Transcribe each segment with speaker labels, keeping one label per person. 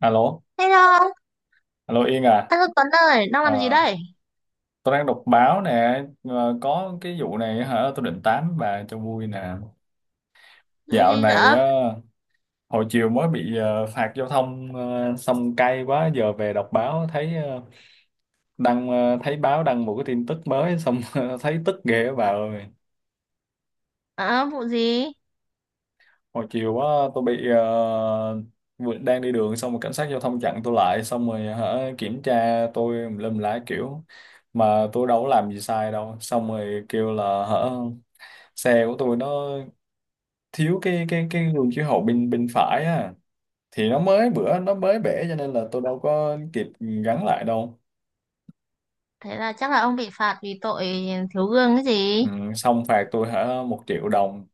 Speaker 1: Alo,
Speaker 2: Hello,
Speaker 1: alo Yên à.
Speaker 2: anh Tuấn ơi, đang làm gì
Speaker 1: Ờ,
Speaker 2: đây?
Speaker 1: tôi đang đọc báo nè. Ờ, có cái vụ này hả? Tôi định tám bà cho vui nè.
Speaker 2: Vụ
Speaker 1: Dạo
Speaker 2: gì
Speaker 1: này
Speaker 2: dở?
Speaker 1: hồi chiều mới bị phạt giao thông xong cay quá. Giờ về đọc báo thấy thấy báo đăng một cái tin tức mới xong thấy tức ghê á bà ơi.
Speaker 2: À, vụ gì?
Speaker 1: Hồi chiều quá tôi bị đang đi đường xong rồi cảnh sát giao thông chặn tôi lại xong rồi hả, kiểm tra tôi tùm lum lá kiểu mà tôi đâu có làm gì sai đâu, xong rồi kêu là hả xe của tôi nó thiếu cái gương chiếu hậu bên bên phải á, thì nó mới bữa nó mới bể cho nên là tôi đâu có kịp gắn lại đâu.
Speaker 2: Thế là chắc là ông bị phạt vì tội thiếu gương cái gì?
Speaker 1: Ừ, xong phạt tôi hả 1 triệu đồng,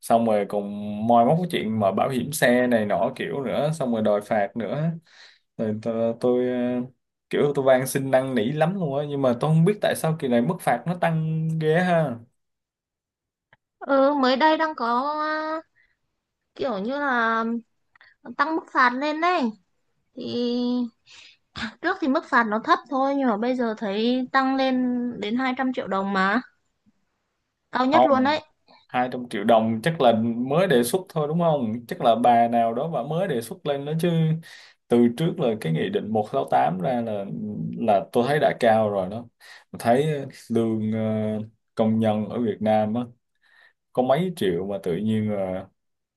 Speaker 1: xong rồi còn moi móc cái chuyện mà bảo hiểm xe này nọ kiểu nữa xong rồi đòi phạt nữa. Rồi tôi kiểu tôi van xin năn nỉ lắm luôn á, nhưng mà tôi không biết tại sao kỳ này mức phạt nó tăng ghê ha.
Speaker 2: Ừ, mới đây đang có, à, kiểu như là tăng mức phạt lên đấy. Thì trước thì mức phạt nó thấp thôi nhưng mà bây giờ thấy tăng lên đến 200 triệu đồng mà, cao nhất luôn
Speaker 1: Không,
Speaker 2: đấy.
Speaker 1: 200 triệu đồng chắc là mới đề xuất thôi đúng không? Chắc là bà nào đó bà mới đề xuất lên đó chứ. Từ trước là cái nghị định 168 ra là tôi thấy đã cao rồi đó. Tôi thấy lương công nhân ở Việt Nam á có mấy triệu, mà tự nhiên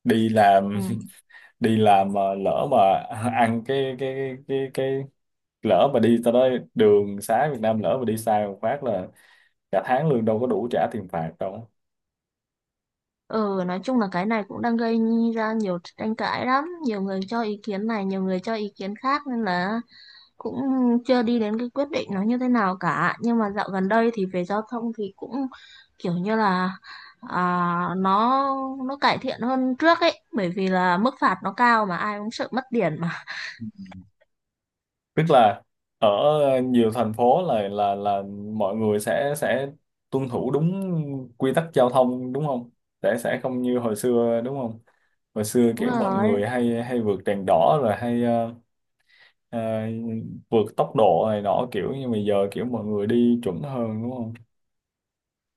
Speaker 1: đi làm
Speaker 2: Ừ.
Speaker 1: đi làm mà lỡ mà ăn cái lỡ mà đi tới đó, đường xá Việt Nam lỡ mà đi sai một phát là cả tháng lương đâu có đủ trả tiền phạt đâu.
Speaker 2: Ừ, nói chung là cái này cũng đang gây ra nhiều tranh cãi lắm, nhiều người cho ý kiến này, nhiều người cho ý kiến khác, nên là cũng chưa đi đến cái quyết định nó như thế nào cả. Nhưng mà dạo gần đây thì về giao thông thì cũng kiểu như là, à, nó nó cải thiện hơn trước ấy, bởi vì là mức phạt nó cao mà ai cũng sợ mất tiền mà.
Speaker 1: Tức là ở nhiều thành phố là mọi người sẽ tuân thủ đúng quy tắc giao thông đúng không? Sẽ không như hồi xưa đúng không? Hồi xưa
Speaker 2: Đúng
Speaker 1: kiểu mọi
Speaker 2: rồi.
Speaker 1: người hay hay vượt đèn đỏ, rồi hay ờ, vượt tốc độ này nọ, kiểu như bây giờ kiểu mọi người đi chuẩn hơn đúng không?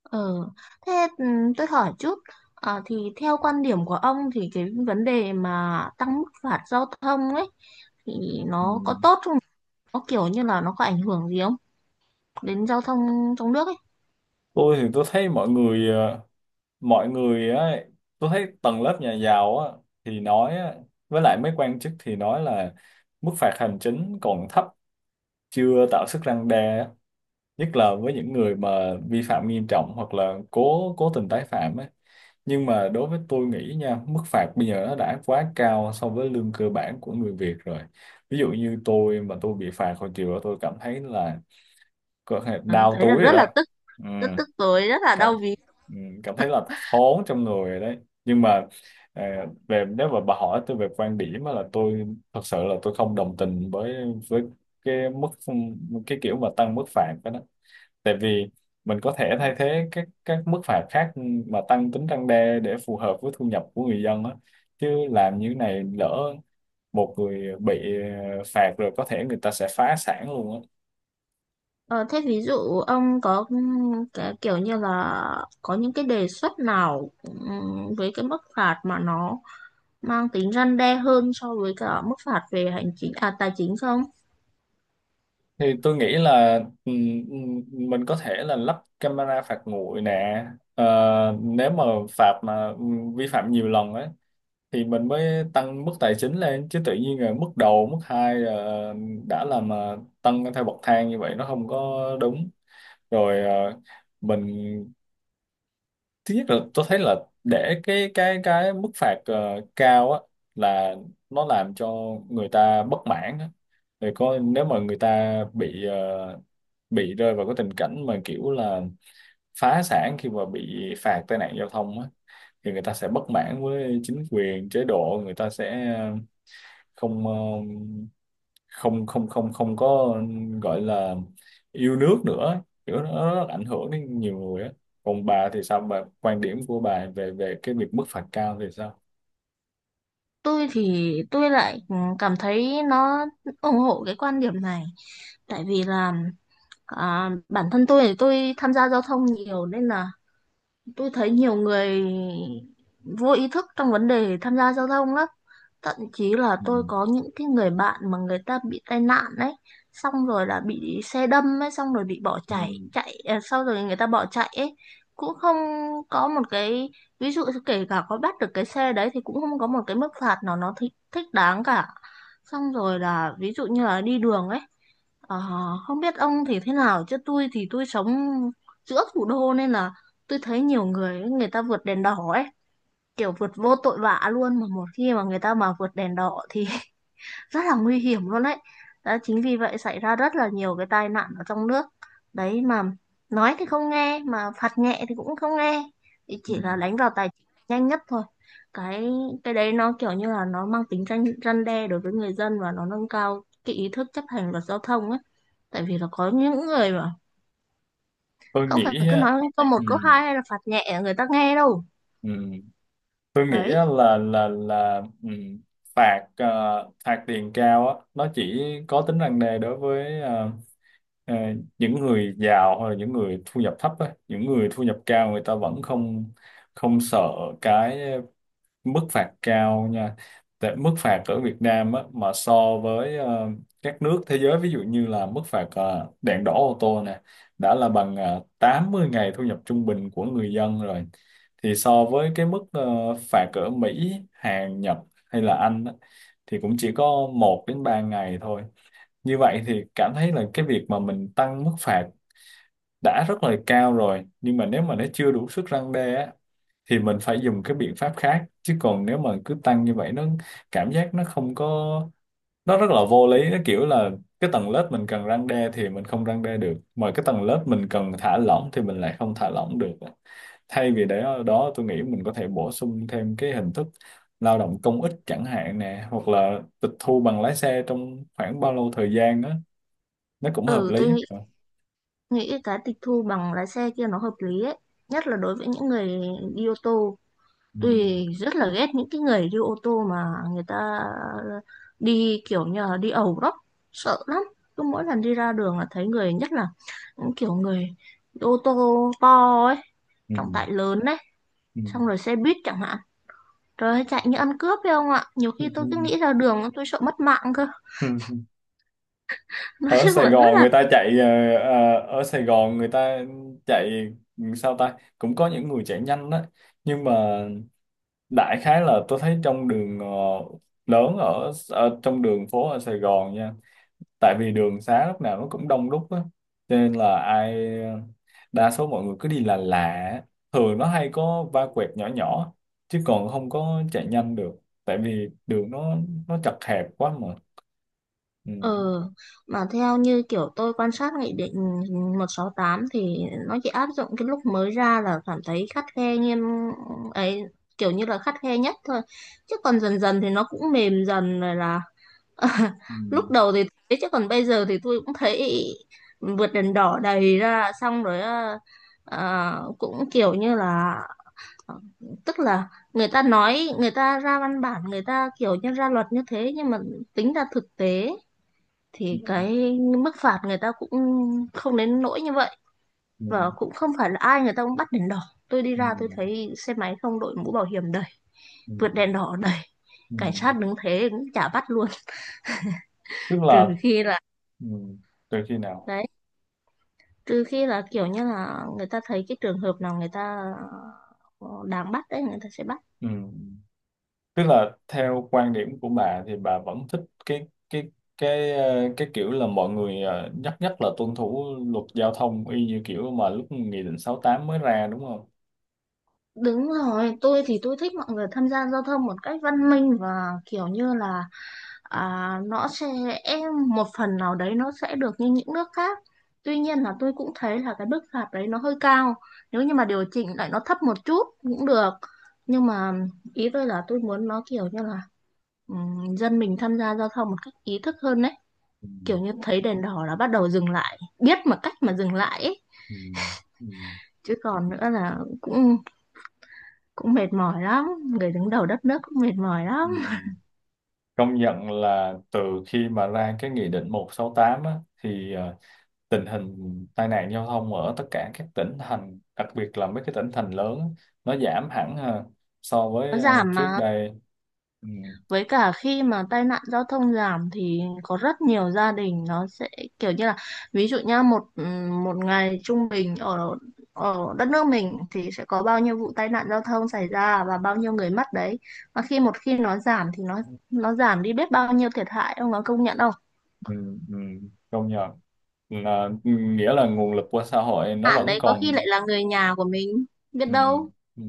Speaker 2: Ừ. Thế, ừ, tôi hỏi chút. À, thì theo quan điểm của ông thì cái vấn đề mà tăng mức phạt giao thông ấy thì
Speaker 1: Ừ.
Speaker 2: nó có tốt không, nó kiểu như là nó có ảnh hưởng gì không đến giao thông trong nước ấy?
Speaker 1: Tôi thì tôi thấy mọi người mọi người á, tôi thấy tầng lớp nhà giàu á thì nói á, với lại mấy quan chức thì nói là mức phạt hành chính còn thấp, chưa tạo sức răn đe á. Nhất là với những người mà vi phạm nghiêm trọng hoặc là cố cố tình tái phạm ấy. Nhưng mà đối với tôi nghĩ nha, mức phạt bây giờ nó đã quá cao so với lương cơ bản của người Việt rồi. Ví dụ như tôi mà tôi bị phạt hồi chiều đó, tôi cảm thấy là có thể
Speaker 2: À,
Speaker 1: đau
Speaker 2: thấy là
Speaker 1: túi rồi
Speaker 2: rất
Speaker 1: đó.
Speaker 2: là tức,
Speaker 1: Ừ,
Speaker 2: rất tức tối, rất là
Speaker 1: cảm
Speaker 2: đau ví.
Speaker 1: ừ, cảm thấy là thốn trong người rồi đấy, nhưng mà ờ, về nếu mà bà hỏi tôi về quan điểm á là tôi thật sự là tôi không đồng tình với với cái mức cái kiểu mà tăng mức phạt đó. Tại vì mình có thể thay thế các mức phạt khác mà tăng tính răn đe để phù hợp với thu nhập của người dân á, chứ làm như này lỡ một người bị phạt rồi có thể người ta sẽ phá sản luôn á.
Speaker 2: Ờ, thế ví dụ ông có, ừ, cái kiểu như là có những cái đề xuất nào, với cái mức phạt mà nó mang tính răn đe hơn so với cả mức phạt về hành chính, à tài chính không?
Speaker 1: Thì tôi nghĩ là ừm, ừm, mình có thể là lắp camera phạt nguội nè. Ờ, Nếu mà phạt mà vi phạm nhiều lần ấy thì mình mới tăng mức tài chính lên, chứ tự nhiên là mức đầu mức hai là đã là mà tăng theo bậc thang như vậy nó không có đúng. Rồi mình, thứ nhất là tôi thấy là để cái mức phạt cao á là nó làm cho người ta bất mãn á. Rồi nếu mà người ta bị bị rơi vào cái tình cảnh mà kiểu là phá sản khi mà bị phạt tai nạn giao thông á, thì người ta sẽ bất mãn với chính quyền chế độ, người ta sẽ không không không không không có gọi là yêu nước nữa, kiểu nó rất ảnh hưởng đến nhiều người á. Còn bà thì sao, bà quan điểm của bà về về cái việc mức phạt cao thì sao?
Speaker 2: Tôi thì tôi lại, cảm thấy nó ủng hộ cái quan điểm này, tại vì là, à, bản thân tôi thì tôi tham gia giao thông nhiều nên là tôi thấy nhiều người vô ý thức trong vấn đề tham gia giao thông lắm. Thậm chí là
Speaker 1: Ừ.
Speaker 2: tôi có những cái người bạn mà người ta bị tai nạn đấy, xong rồi là bị xe đâm ấy, xong rồi bị bỏ
Speaker 1: Ừ.
Speaker 2: chạy chạy à, sau rồi người ta bỏ chạy ấy, cũng không có một cái, ví dụ kể cả có bắt được cái xe đấy thì cũng không có một cái mức phạt nào nó thích thích đáng cả. Xong rồi là ví dụ như là đi đường ấy. Ờ, không biết ông thì thế nào, chứ tôi thì tôi sống giữa thủ đô nên là tôi thấy nhiều người, người ta vượt đèn đỏ ấy, kiểu vượt vô tội vạ luôn. Mà một khi mà người ta mà vượt đèn đỏ thì rất là nguy hiểm luôn đấy. Đó chính vì vậy xảy ra rất là nhiều cái tai nạn ở trong nước đấy, mà nói thì không nghe, mà phạt nhẹ thì cũng không nghe, thì
Speaker 1: Ừ.
Speaker 2: chỉ là đánh vào tài chính nhanh nhất thôi. Cái cái đấy nó kiểu như là nó mang tính răn răn đe đối với người dân và nó nâng cao cái ý thức chấp hành luật giao thông ấy. Tại vì là có những người mà
Speaker 1: Tôi
Speaker 2: không phải
Speaker 1: nghĩ
Speaker 2: cứ
Speaker 1: á,
Speaker 2: nói câu một
Speaker 1: ừ.
Speaker 2: câu hai hay là phạt nhẹ người ta nghe đâu.
Speaker 1: Ừ. Tôi nghĩ
Speaker 2: Đấy,
Speaker 1: á là ừ. Phạt phạt tiền cao á nó chỉ có tính răn đe đối với ờ, những người giàu hoặc là những người thu nhập thấp á, những người thu nhập cao người ta vẫn không không sợ cái mức phạt cao nha. Tại mức phạt ở Việt Nam á, mà so với các nước thế giới, ví dụ như là mức phạt đèn đỏ ô tô nè đã là bằng 80 ngày thu nhập trung bình của người dân rồi, thì so với cái mức phạt ở Mỹ, Hàn, Nhật hay là Anh á, thì cũng chỉ có 1 đến 3 ngày thôi. Như vậy thì cảm thấy là cái việc mà mình tăng mức phạt đã rất là cao rồi, nhưng mà nếu mà nó chưa đủ sức răn đe á, thì mình phải dùng cái biện pháp khác, chứ còn nếu mà cứ tăng như vậy nó cảm giác nó không có, nó rất là vô lý, nó kiểu là cái tầng lớp mình cần răn đe thì mình không răn đe được, mà cái tầng lớp mình cần thả lỏng thì mình lại không thả lỏng được. Thay vì để ở đó, tôi nghĩ mình có thể bổ sung thêm cái hình thức lao động công ích chẳng hạn nè, hoặc là tịch thu bằng lái xe trong khoảng bao lâu thời gian đó, nó cũng hợp
Speaker 2: ừ, tôi
Speaker 1: lý.
Speaker 2: nghĩ nghĩ cái tịch thu bằng lái xe kia nó hợp lý ấy, nhất là đối với những người đi ô tô.
Speaker 1: Ừ.
Speaker 2: Tôi rất là ghét những cái người đi ô tô mà người ta đi kiểu như là đi ẩu đó, sợ lắm. Cứ mỗi lần đi ra đường là thấy người, nhất là những kiểu người đi ô tô to ấy,
Speaker 1: Ừ.
Speaker 2: trọng tải lớn đấy,
Speaker 1: Ừ.
Speaker 2: xong rồi xe buýt chẳng hạn, rồi chạy như ăn cướp phải không ạ? Nhiều
Speaker 1: Ừ,
Speaker 2: khi
Speaker 1: ừ,
Speaker 2: tôi cứ nghĩ ra đường tôi sợ mất mạng cơ.
Speaker 1: ừ. Ừ.
Speaker 2: Nói
Speaker 1: Ở
Speaker 2: chung
Speaker 1: Sài
Speaker 2: là rất
Speaker 1: Gòn
Speaker 2: là...
Speaker 1: người ta chạy ở Sài Gòn người ta chạy sao ta, cũng có những người chạy nhanh đó. Nhưng mà đại khái là tôi thấy trong đường lớn ở trong đường phố ở Sài Gòn nha. Tại vì đường xá lúc nào nó cũng đông đúc á, cho nên là ai ờ, đa số mọi người cứ đi là lạ lạ. Thường nó hay có va quẹt nhỏ nhỏ chứ còn không có chạy nhanh được, tại vì đường nó chật hẹp quá mà. Ừ.
Speaker 2: Ừ, mà theo như kiểu tôi quan sát Nghị định 168 thì nó chỉ áp dụng cái lúc mới ra là cảm thấy khắt khe nghiêm ấy, kiểu như là khắt khe nhất thôi. Chứ còn dần dần thì nó cũng mềm dần rồi là.
Speaker 1: Ừ.
Speaker 2: Lúc đầu thì thế chứ còn bây giờ thì tôi cũng thấy vượt đèn đỏ đầy ra, xong rồi cũng kiểu như là, Ờ, tức là người ta nói, người ta ra văn bản, người ta kiểu như ra luật như thế nhưng mà tính ra thực tế
Speaker 1: Ừ,
Speaker 2: thì cái mức phạt người ta cũng không đến nỗi như vậy. Và
Speaker 1: ừ,
Speaker 2: cũng không phải là ai người ta cũng bắt đèn đỏ. Tôi đi
Speaker 1: ừ,
Speaker 2: ra tôi thấy xe máy không đội mũ bảo hiểm đầy,
Speaker 1: ừ,
Speaker 2: vượt đèn đỏ đầy,
Speaker 1: ừ.
Speaker 2: cảnh sát đứng thế cũng chả bắt luôn.
Speaker 1: Tức là
Speaker 2: Trừ khi là,
Speaker 1: ừ, từ khi nào
Speaker 2: đấy, trừ khi là kiểu như là người ta thấy cái trường hợp nào người ta đáng bắt đấy, người ta sẽ bắt.
Speaker 1: ừ. Tức là theo quan điểm của bà thì bà vẫn thích cái cái kiểu là mọi người nhất nhất là tuân thủ luật giao thông y như kiểu mà lúc nghị định 68 mới ra đúng không?
Speaker 2: Đúng rồi, tôi thì tôi thích mọi người tham gia giao thông một cách văn minh và kiểu như là, à, nó sẽ một phần nào đấy nó sẽ được như những nước khác. Tuy nhiên là tôi cũng thấy là cái mức phạt đấy nó hơi cao. Nếu như mà điều chỉnh lại nó thấp một chút cũng được. Nhưng mà ý tôi là tôi muốn nó kiểu như là, dân mình tham gia giao thông một cách ý thức hơn đấy.
Speaker 1: Ừ,
Speaker 2: Kiểu như thấy đèn đỏ là bắt đầu dừng lại, biết mà cách mà dừng lại ấy.
Speaker 1: ừ, ừ,
Speaker 2: Chứ còn nữa là cũng cũng mệt mỏi lắm, người đứng đầu đất nước cũng mệt mỏi
Speaker 1: ừ.
Speaker 2: lắm.
Speaker 1: Công nhận là từ khi mà ra cái nghị định 168 á, thì tình hình tai nạn giao thông ở tất cả các tỉnh thành, đặc biệt là mấy cái tỉnh thành lớn á, nó giảm hẳn ha, so
Speaker 2: Nó
Speaker 1: với
Speaker 2: giảm
Speaker 1: trước
Speaker 2: mà.
Speaker 1: đây. Ừ,
Speaker 2: Với cả khi mà tai nạn giao thông giảm thì có rất nhiều gia đình nó sẽ kiểu như là, ví dụ nha, một, ừ, một ngày trung bình ở ở đất nước mình thì sẽ có bao nhiêu vụ tai nạn giao thông xảy ra và bao nhiêu người mất đấy. Mà khi một khi nó giảm thì nó giảm đi biết bao nhiêu thiệt hại, ông có công nhận không?
Speaker 1: ừ, ừ, công nhận là ừ, nghĩa là nguồn lực của xã hội nó
Speaker 2: Bạn
Speaker 1: vẫn
Speaker 2: đấy có khi
Speaker 1: còn.
Speaker 2: lại là người nhà của mình, biết
Speaker 1: Ừ,
Speaker 2: đâu.
Speaker 1: ừ.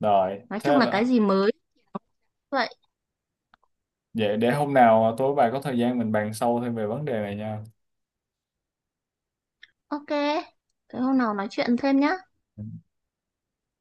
Speaker 1: Rồi
Speaker 2: Nói
Speaker 1: thế
Speaker 2: chung là cái
Speaker 1: đó.
Speaker 2: gì mới vậy.
Speaker 1: Vậy để hôm nào tôi với bà có thời gian mình bàn sâu thêm về vấn đề này nha.
Speaker 2: Ok, thế hôm nào nói chuyện thêm nhá.